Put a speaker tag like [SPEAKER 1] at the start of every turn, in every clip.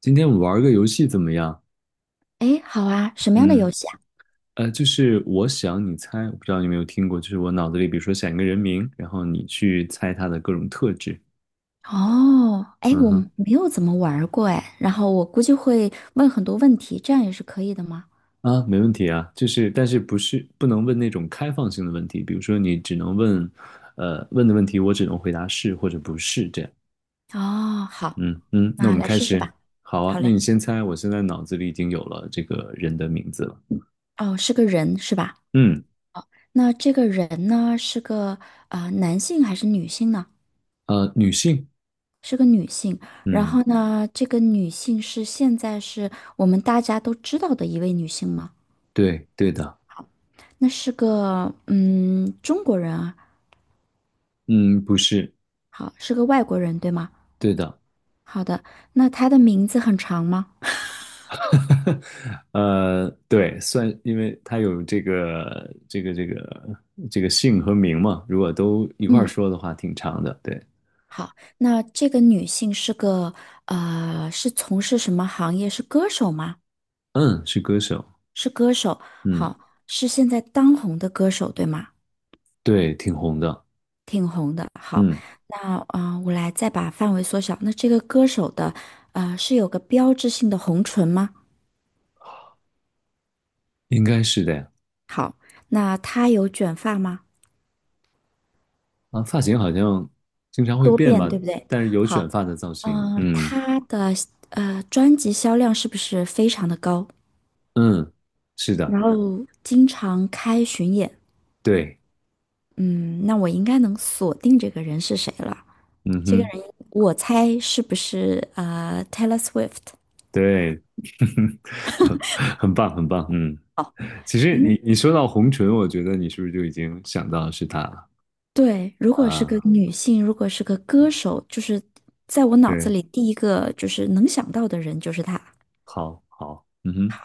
[SPEAKER 1] 今天我们玩个游戏怎么样？
[SPEAKER 2] 哎，好啊，什么样的
[SPEAKER 1] 嗯，
[SPEAKER 2] 游戏啊？
[SPEAKER 1] 就是我想你猜，我不知道你有没有听过，就是我脑子里比如说想一个人名，然后你去猜他的各种特质。
[SPEAKER 2] 哦，哎，
[SPEAKER 1] 嗯
[SPEAKER 2] 我
[SPEAKER 1] 哼。
[SPEAKER 2] 没有怎么玩儿过哎，然后我估计会问很多问题，这样也是可以的吗？
[SPEAKER 1] 啊，没问题啊，就是但是不能问那种开放性的问题，比如说你只能问，问的问题我只能回答是或者不是这样。
[SPEAKER 2] 哦，好，
[SPEAKER 1] 嗯嗯，那我
[SPEAKER 2] 那
[SPEAKER 1] 们
[SPEAKER 2] 来
[SPEAKER 1] 开
[SPEAKER 2] 试试
[SPEAKER 1] 始。
[SPEAKER 2] 吧。
[SPEAKER 1] 好啊，
[SPEAKER 2] 好
[SPEAKER 1] 那
[SPEAKER 2] 嘞。
[SPEAKER 1] 你先猜，我现在脑子里已经有了这个人的名字了。
[SPEAKER 2] 哦，是个人是吧？
[SPEAKER 1] 嗯。
[SPEAKER 2] 那这个人呢，是个男性还是女性呢？
[SPEAKER 1] 女性。
[SPEAKER 2] 是个女性。然
[SPEAKER 1] 嗯。
[SPEAKER 2] 后呢，这个女性是现在是我们大家都知道的一位女性吗？
[SPEAKER 1] 对对的。
[SPEAKER 2] 那是个中国人啊，
[SPEAKER 1] 嗯，不是。
[SPEAKER 2] 好，是个外国人对吗？
[SPEAKER 1] 对的。
[SPEAKER 2] 好的，那她的名字很长吗？
[SPEAKER 1] 呃，对，算，因为他有这个姓和名嘛，如果都一块儿
[SPEAKER 2] 嗯，
[SPEAKER 1] 说的话，挺长的。对。
[SPEAKER 2] 好，那这个女性是个是从事什么行业？是歌手吗？
[SPEAKER 1] 嗯，是歌手。
[SPEAKER 2] 是歌手。
[SPEAKER 1] 嗯。
[SPEAKER 2] 好，是现在当红的歌手，对吗？
[SPEAKER 1] 对，挺红的。
[SPEAKER 2] 挺红的。好，
[SPEAKER 1] 嗯。
[SPEAKER 2] 那我来再把范围缩小。那这个歌手的是有个标志性的红唇吗？
[SPEAKER 1] 应该是的呀。
[SPEAKER 2] 那她有卷发吗？
[SPEAKER 1] 啊，发型好像经常会
[SPEAKER 2] 多
[SPEAKER 1] 变
[SPEAKER 2] 变，
[SPEAKER 1] 吧，
[SPEAKER 2] 对不对？
[SPEAKER 1] 但是有卷
[SPEAKER 2] 好，
[SPEAKER 1] 发的造型。嗯
[SPEAKER 2] 她的专辑销量是不是非常的高？
[SPEAKER 1] 嗯，是的。
[SPEAKER 2] 然后经常开巡演，
[SPEAKER 1] 对。
[SPEAKER 2] 嗯，那我应该能锁定这个人是谁了。
[SPEAKER 1] 嗯
[SPEAKER 2] 这个
[SPEAKER 1] 哼。
[SPEAKER 2] 人，我猜是不是Taylor Swift？
[SPEAKER 1] 对。很棒，很棒，嗯。其实
[SPEAKER 2] 嗯，
[SPEAKER 1] 你说到红唇，我觉得你是不是就已经想到是他？
[SPEAKER 2] 对，如果是个
[SPEAKER 1] 啊，
[SPEAKER 2] 女性，如果是个歌手，就是在我脑子
[SPEAKER 1] 对。
[SPEAKER 2] 里第一个就是能想到的人就是她。
[SPEAKER 1] 好，好，嗯哼。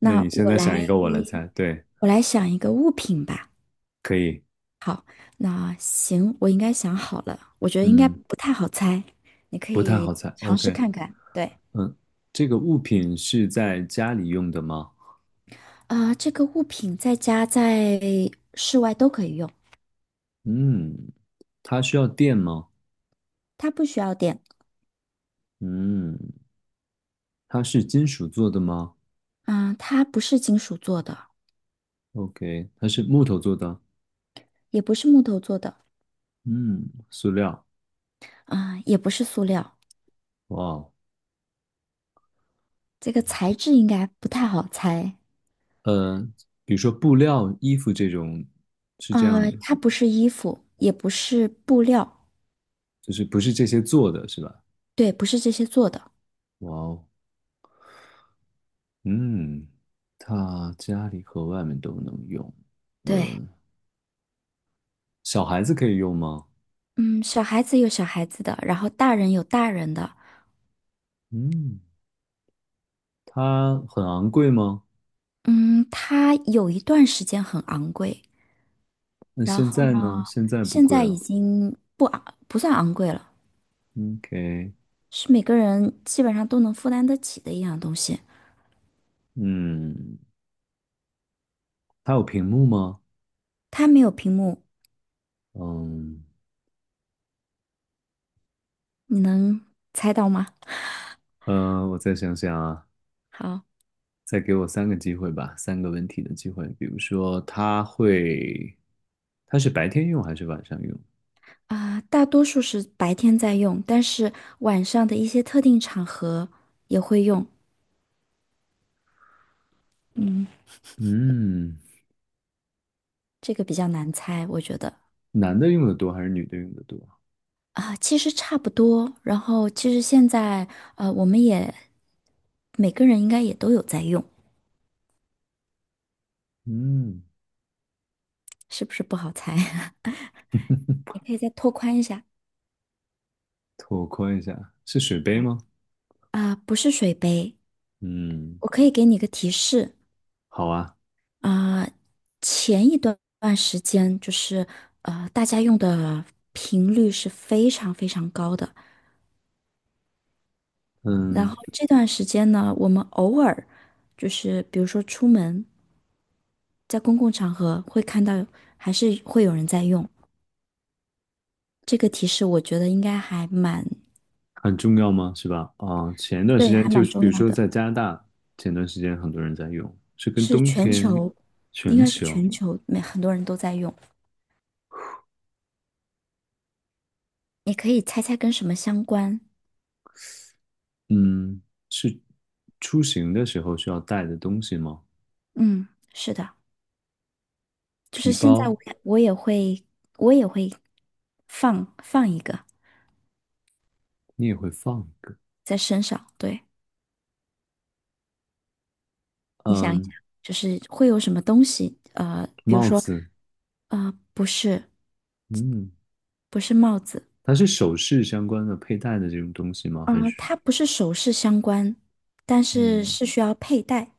[SPEAKER 1] 那你现
[SPEAKER 2] 我
[SPEAKER 1] 在想一
[SPEAKER 2] 来，
[SPEAKER 1] 个我来猜，对。
[SPEAKER 2] 我来想一个物品吧。
[SPEAKER 1] 可以。
[SPEAKER 2] 那行，我应该想好了，我觉得应该
[SPEAKER 1] 嗯，
[SPEAKER 2] 不太好猜，你可
[SPEAKER 1] 不太
[SPEAKER 2] 以
[SPEAKER 1] 好猜
[SPEAKER 2] 尝试
[SPEAKER 1] ，OK。
[SPEAKER 2] 看看。对。
[SPEAKER 1] 嗯，这个物品是在家里用的吗？
[SPEAKER 2] 啊，这个物品在家在室外都可以用，
[SPEAKER 1] 嗯，它需要电吗？
[SPEAKER 2] 它不需要电。
[SPEAKER 1] 嗯，它是金属做的吗
[SPEAKER 2] 啊，它不是金属做的，
[SPEAKER 1] ？OK,它是木头做的。
[SPEAKER 2] 也不是木头做的，
[SPEAKER 1] 嗯，塑料。
[SPEAKER 2] 啊，也不是塑料。
[SPEAKER 1] 哇哦。
[SPEAKER 2] 这个材质应该不太好猜。
[SPEAKER 1] 呃，比如说布料、衣服这种，是这样
[SPEAKER 2] 啊，
[SPEAKER 1] 的，
[SPEAKER 2] 它不是衣服，也不是布料，
[SPEAKER 1] 就是不是这些做的是吧？
[SPEAKER 2] 对，不是这些做的。
[SPEAKER 1] 哇哦。嗯，他家里和外面都能用。
[SPEAKER 2] 对，
[SPEAKER 1] 呃，小孩子可以用吗？
[SPEAKER 2] 嗯，小孩子有小孩子的，然后大人有大人的。
[SPEAKER 1] 嗯，它很昂贵吗？
[SPEAKER 2] 嗯，它有一段时间很昂贵，
[SPEAKER 1] 那
[SPEAKER 2] 然
[SPEAKER 1] 现
[SPEAKER 2] 后呢，
[SPEAKER 1] 在呢？现在不
[SPEAKER 2] 现
[SPEAKER 1] 贵
[SPEAKER 2] 在已
[SPEAKER 1] 了。
[SPEAKER 2] 经不昂，不算昂贵了。
[SPEAKER 1] OK。
[SPEAKER 2] 是每个人基本上都能负担得起的一样东西。
[SPEAKER 1] 嗯，它有屏幕吗？
[SPEAKER 2] 它没有屏幕，
[SPEAKER 1] 嗯，
[SPEAKER 2] 你能猜到吗？
[SPEAKER 1] 我再想想啊，
[SPEAKER 2] 好
[SPEAKER 1] 再给我三个机会吧，三个问题的机会。比如说，它会，它是白天用还是晚上用？
[SPEAKER 2] 啊，大多数是白天在用，但是晚上的一些特定场合也会用。
[SPEAKER 1] 嗯，
[SPEAKER 2] 这个比较难猜，我觉得
[SPEAKER 1] 男的用的多还是女的用的多？
[SPEAKER 2] 啊，其实差不多。然后其实现在我们也每个人应该也都有在用，
[SPEAKER 1] 嗯。
[SPEAKER 2] 是不是不好猜？你可以再拓宽一下
[SPEAKER 1] 拓宽一下，是水杯吗？
[SPEAKER 2] 啊，不是水杯，
[SPEAKER 1] 嗯。
[SPEAKER 2] 我可以给你个提示。
[SPEAKER 1] 好啊。
[SPEAKER 2] 啊、前一段时间就是大家用的频率是非常非常高的。然后
[SPEAKER 1] 嗯，
[SPEAKER 2] 这段时间呢，我们偶尔就是比如说出门，在公共场合会看到，还是会有人在用。这个提示我觉得应该还蛮，
[SPEAKER 1] 很重要吗？是吧？啊，前段时
[SPEAKER 2] 对，
[SPEAKER 1] 间
[SPEAKER 2] 还
[SPEAKER 1] 就
[SPEAKER 2] 蛮
[SPEAKER 1] 是，比
[SPEAKER 2] 重
[SPEAKER 1] 如
[SPEAKER 2] 要
[SPEAKER 1] 说
[SPEAKER 2] 的，
[SPEAKER 1] 在加拿大，前段时间很多人在用，是跟
[SPEAKER 2] 是
[SPEAKER 1] 冬
[SPEAKER 2] 全
[SPEAKER 1] 天，
[SPEAKER 2] 球，应
[SPEAKER 1] 全
[SPEAKER 2] 该是
[SPEAKER 1] 球。
[SPEAKER 2] 全球每很多人都在用。你可以猜猜跟什么相关？
[SPEAKER 1] 嗯，是出行的时候需要带的东西吗？
[SPEAKER 2] 嗯，是的。就是
[SPEAKER 1] 皮
[SPEAKER 2] 现在我
[SPEAKER 1] 包。
[SPEAKER 2] 也我也会我也会放一个
[SPEAKER 1] 你也会放一个。
[SPEAKER 2] 在身上。对，你想一想，
[SPEAKER 1] 嗯，
[SPEAKER 2] 就是会有什么东西？呃，比如
[SPEAKER 1] 帽
[SPEAKER 2] 说，
[SPEAKER 1] 子。
[SPEAKER 2] 呃，
[SPEAKER 1] 嗯，
[SPEAKER 2] 不是帽子，
[SPEAKER 1] 它是首饰相关的佩戴的这种东西吗？还是，
[SPEAKER 2] 它不是首饰相关，但是
[SPEAKER 1] 嗯，
[SPEAKER 2] 是需要佩戴，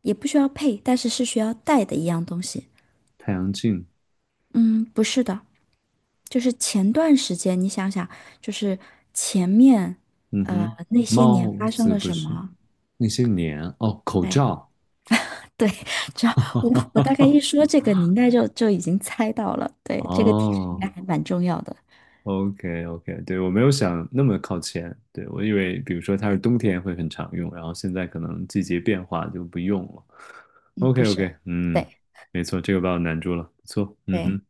[SPEAKER 2] 也不需要配，但是是需要戴的一样东西。
[SPEAKER 1] 太阳镜？
[SPEAKER 2] 嗯，不是的，就是前段时间你想想，就是前面
[SPEAKER 1] 嗯哼。
[SPEAKER 2] 那些年
[SPEAKER 1] 帽
[SPEAKER 2] 发生
[SPEAKER 1] 子
[SPEAKER 2] 了
[SPEAKER 1] 不
[SPEAKER 2] 什
[SPEAKER 1] 是，
[SPEAKER 2] 么？
[SPEAKER 1] 那些年哦，口
[SPEAKER 2] 对。
[SPEAKER 1] 罩。
[SPEAKER 2] 对，只要我大概一说 这个，你应该就已经猜到了。对，这个提示应
[SPEAKER 1] 哦
[SPEAKER 2] 该还蛮重要的。
[SPEAKER 1] ，OK OK,对，我没有想那么靠前，对，我以为比如说它是冬天会很常用，然后现在可能季节变化就不用了。
[SPEAKER 2] 嗯，
[SPEAKER 1] OK
[SPEAKER 2] 不是，
[SPEAKER 1] OK,嗯，
[SPEAKER 2] 对
[SPEAKER 1] 没错，这个把我难住了，不错，嗯
[SPEAKER 2] 对，
[SPEAKER 1] 哼。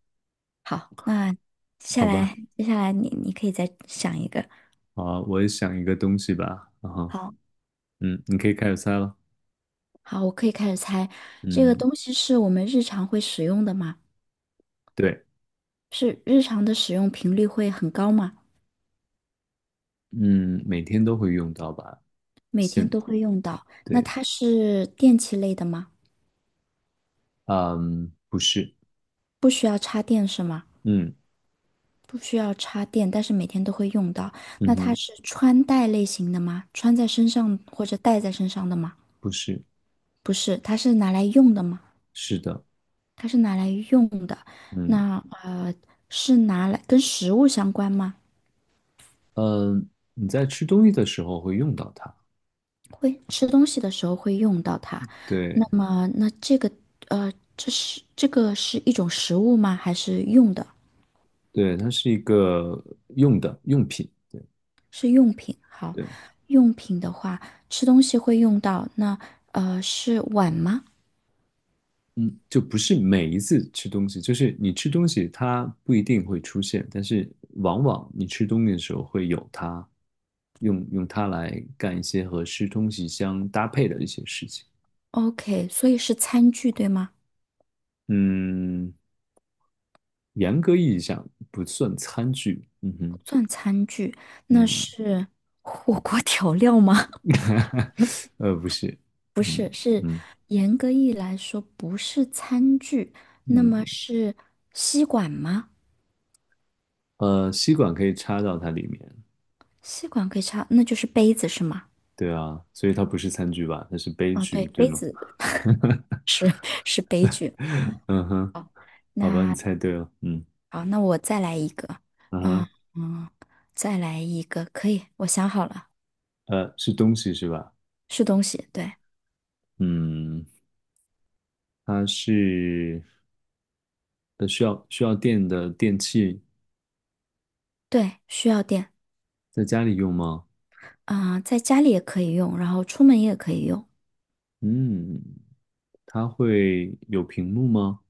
[SPEAKER 2] 好，那
[SPEAKER 1] 好吧。
[SPEAKER 2] 接下来你可以再想一个。
[SPEAKER 1] 好，我也想一个东西吧，然后，
[SPEAKER 2] 好，
[SPEAKER 1] 嗯，你可以开始猜了。
[SPEAKER 2] 好，我可以开始猜。这个
[SPEAKER 1] 嗯。
[SPEAKER 2] 东西是我们日常会使用的吗？
[SPEAKER 1] 对。
[SPEAKER 2] 是日常的使用频率会很高吗？
[SPEAKER 1] 嗯，每天都会用到吧。
[SPEAKER 2] 每天
[SPEAKER 1] 现，
[SPEAKER 2] 都会用到。那
[SPEAKER 1] 对。
[SPEAKER 2] 它是电器类的吗？
[SPEAKER 1] 嗯，不是。
[SPEAKER 2] 不需要插电是吗？
[SPEAKER 1] 嗯，
[SPEAKER 2] 不需要插电，但是每天都会用到。
[SPEAKER 1] 嗯
[SPEAKER 2] 那它
[SPEAKER 1] 哼。
[SPEAKER 2] 是穿戴类型的吗？穿在身上或者戴在身上的吗？
[SPEAKER 1] 不是。
[SPEAKER 2] 不是，它是拿来用的吗？
[SPEAKER 1] 是的。
[SPEAKER 2] 它是拿来用的。
[SPEAKER 1] 嗯。
[SPEAKER 2] 那呃，是拿来跟食物相关吗？
[SPEAKER 1] 嗯，你在吃东西的时候会用到它。
[SPEAKER 2] 会吃东西的时候会用到它。
[SPEAKER 1] 对。
[SPEAKER 2] 那么，那这个呃，这个是一种食物吗？还是用的？
[SPEAKER 1] 对，它是一个用的用品，对。
[SPEAKER 2] 是用品。好，
[SPEAKER 1] 对。
[SPEAKER 2] 用品的话，吃东西会用到。那呃，是碗吗？
[SPEAKER 1] 嗯，就不是每一次吃东西，就是你吃东西它不一定会出现，但是往往你吃东西的时候会有它，用它来干一些和吃东西相搭配的一些事情。
[SPEAKER 2] OK，所以是餐具对吗？
[SPEAKER 1] 嗯，严格意义上不算餐具，嗯哼。
[SPEAKER 2] 那
[SPEAKER 1] 嗯。
[SPEAKER 2] 是火锅 调料吗？
[SPEAKER 1] 呃，不是。嗯。嗯。
[SPEAKER 2] 严格意义来说，不是餐具，那么
[SPEAKER 1] 嗯，
[SPEAKER 2] 是吸管吗？
[SPEAKER 1] 吸管可以插到它里面。
[SPEAKER 2] 吸管可以插，那就是杯子是吗？
[SPEAKER 1] 对啊，所以它不是餐具吧？它是杯
[SPEAKER 2] 啊，
[SPEAKER 1] 具，
[SPEAKER 2] 对，
[SPEAKER 1] 对
[SPEAKER 2] 杯
[SPEAKER 1] 吗？
[SPEAKER 2] 子是 是杯具。
[SPEAKER 1] 嗯哼。好吧，你
[SPEAKER 2] 那
[SPEAKER 1] 猜对了。嗯，
[SPEAKER 2] 好，那我再来一个，
[SPEAKER 1] 嗯
[SPEAKER 2] 嗯
[SPEAKER 1] 哼。
[SPEAKER 2] 嗯，再来一个，可以，我想好了，
[SPEAKER 1] 呃，是东西是吧？
[SPEAKER 2] 是东西，对
[SPEAKER 1] 嗯，它是呃需要需要电的电器，
[SPEAKER 2] 对，需要电，
[SPEAKER 1] 在家里用吗？
[SPEAKER 2] 在家里也可以用，然后出门也可以用。
[SPEAKER 1] 嗯，它会有屏幕吗？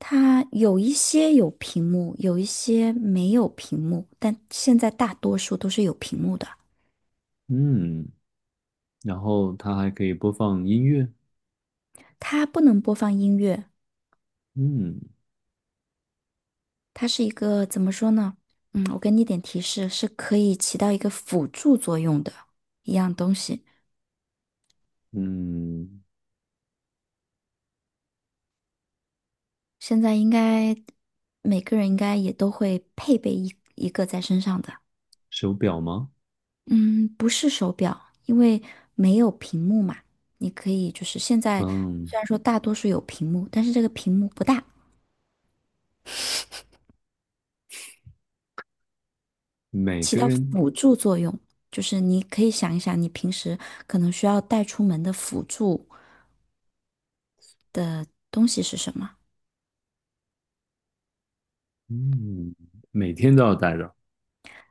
[SPEAKER 2] 它有一些有屏幕，有一些没有屏幕，但现在大多数都是有屏幕的。
[SPEAKER 1] 嗯，然后它还可以播放音乐。
[SPEAKER 2] 它不能播放音乐，
[SPEAKER 1] 嗯。
[SPEAKER 2] 它是一个怎么说呢？嗯，我给你点提示，是可以起到一个辅助作用的一样东西。
[SPEAKER 1] 嗯，
[SPEAKER 2] 现在应该每个人应该也都会配备一个在身上的。
[SPEAKER 1] 手表吗？
[SPEAKER 2] 嗯，不是手表，因为没有屏幕嘛。你可以就是现在
[SPEAKER 1] 嗯，
[SPEAKER 2] 虽然说大多数有屏幕，但是这个屏幕不大。
[SPEAKER 1] 每
[SPEAKER 2] 起
[SPEAKER 1] 个
[SPEAKER 2] 到
[SPEAKER 1] 人。
[SPEAKER 2] 辅助作用，就是你可以想一想，你平时可能需要带出门的辅助东西是什么
[SPEAKER 1] 嗯，每天都要带着。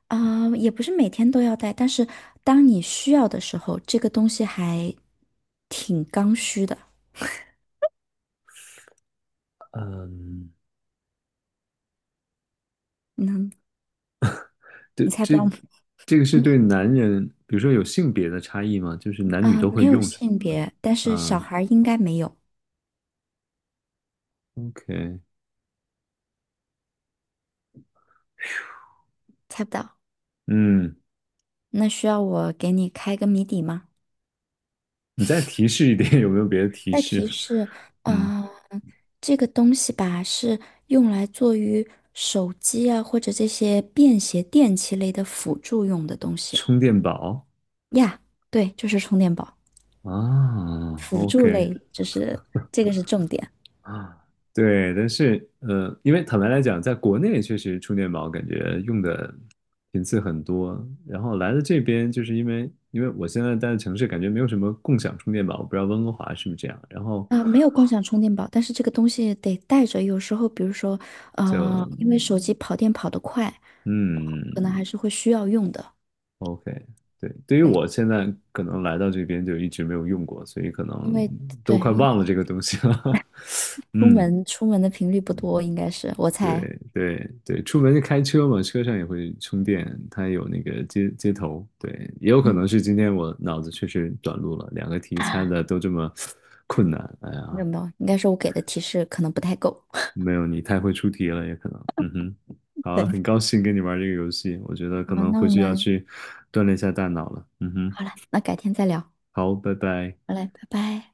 [SPEAKER 2] 啊，也不是每天都要带，但是当你需要的时候，这个东西还挺刚需的。
[SPEAKER 1] 嗯，
[SPEAKER 2] 嗯，
[SPEAKER 1] 对，
[SPEAKER 2] 你猜不
[SPEAKER 1] 这
[SPEAKER 2] 到吗？
[SPEAKER 1] 这个是对男人，比如说有性别的差异吗？就是男女
[SPEAKER 2] 啊，
[SPEAKER 1] 都
[SPEAKER 2] 没
[SPEAKER 1] 会
[SPEAKER 2] 有
[SPEAKER 1] 用是
[SPEAKER 2] 性别，但
[SPEAKER 1] 吗？
[SPEAKER 2] 是小
[SPEAKER 1] 啊
[SPEAKER 2] 孩儿应该没有，
[SPEAKER 1] ，OK。
[SPEAKER 2] 猜不到。
[SPEAKER 1] 嗯，
[SPEAKER 2] 那需要我给你开个谜底吗？
[SPEAKER 1] 你再提示一点，有没有别的提
[SPEAKER 2] 再提
[SPEAKER 1] 示？
[SPEAKER 2] 示，
[SPEAKER 1] 嗯，
[SPEAKER 2] 啊、这个东西吧是用来做于手机啊或者这些便携电器类的辅助用的东西
[SPEAKER 1] 充电宝
[SPEAKER 2] 呀。对，就是充电宝，
[SPEAKER 1] 啊
[SPEAKER 2] 辅助
[SPEAKER 1] ，OK。
[SPEAKER 2] 类，就是这个是重点
[SPEAKER 1] 啊，对，但是因为坦白来讲，在国内确实充电宝感觉用的频次很多，然后来了这边就是因为我现在待的城市感觉没有什么共享充电宝，我不知道温哥华是不是这样，然后
[SPEAKER 2] 没有共享充电宝，但是这个东西得带着，有时候比如说，呃，因为
[SPEAKER 1] 就，
[SPEAKER 2] 手机跑电跑得快，可能
[SPEAKER 1] 嗯
[SPEAKER 2] 还是会需要用的。
[SPEAKER 1] ，OK。对，对于
[SPEAKER 2] 对，
[SPEAKER 1] 我现在可能来到这边就一直没有用过，所以可
[SPEAKER 2] 因
[SPEAKER 1] 能
[SPEAKER 2] 为
[SPEAKER 1] 都
[SPEAKER 2] 对，
[SPEAKER 1] 快
[SPEAKER 2] 因
[SPEAKER 1] 忘了
[SPEAKER 2] 为
[SPEAKER 1] 这个东西了。
[SPEAKER 2] 出
[SPEAKER 1] 嗯，
[SPEAKER 2] 门出门的频率不多，应该是我猜。
[SPEAKER 1] 对对对，出门就开车嘛，车上也会充电，它有那个接头。对，也有可
[SPEAKER 2] 嗯。
[SPEAKER 1] 能是今天我脑子确实短路了，两个题猜的都这么 困难。哎
[SPEAKER 2] 没
[SPEAKER 1] 呀，
[SPEAKER 2] 有没有，应该是我给的提示可能不太够。
[SPEAKER 1] 没有，你太会出题了，也可能。嗯哼。好啊，
[SPEAKER 2] 对，
[SPEAKER 1] 很高兴跟你玩这个游戏，我觉得可
[SPEAKER 2] 好，
[SPEAKER 1] 能
[SPEAKER 2] 那
[SPEAKER 1] 回
[SPEAKER 2] 我
[SPEAKER 1] 去要
[SPEAKER 2] 们
[SPEAKER 1] 去锻炼一下大脑了。嗯哼。
[SPEAKER 2] 好了，那改天再聊。
[SPEAKER 1] 好，拜拜。
[SPEAKER 2] 好嘞，拜拜。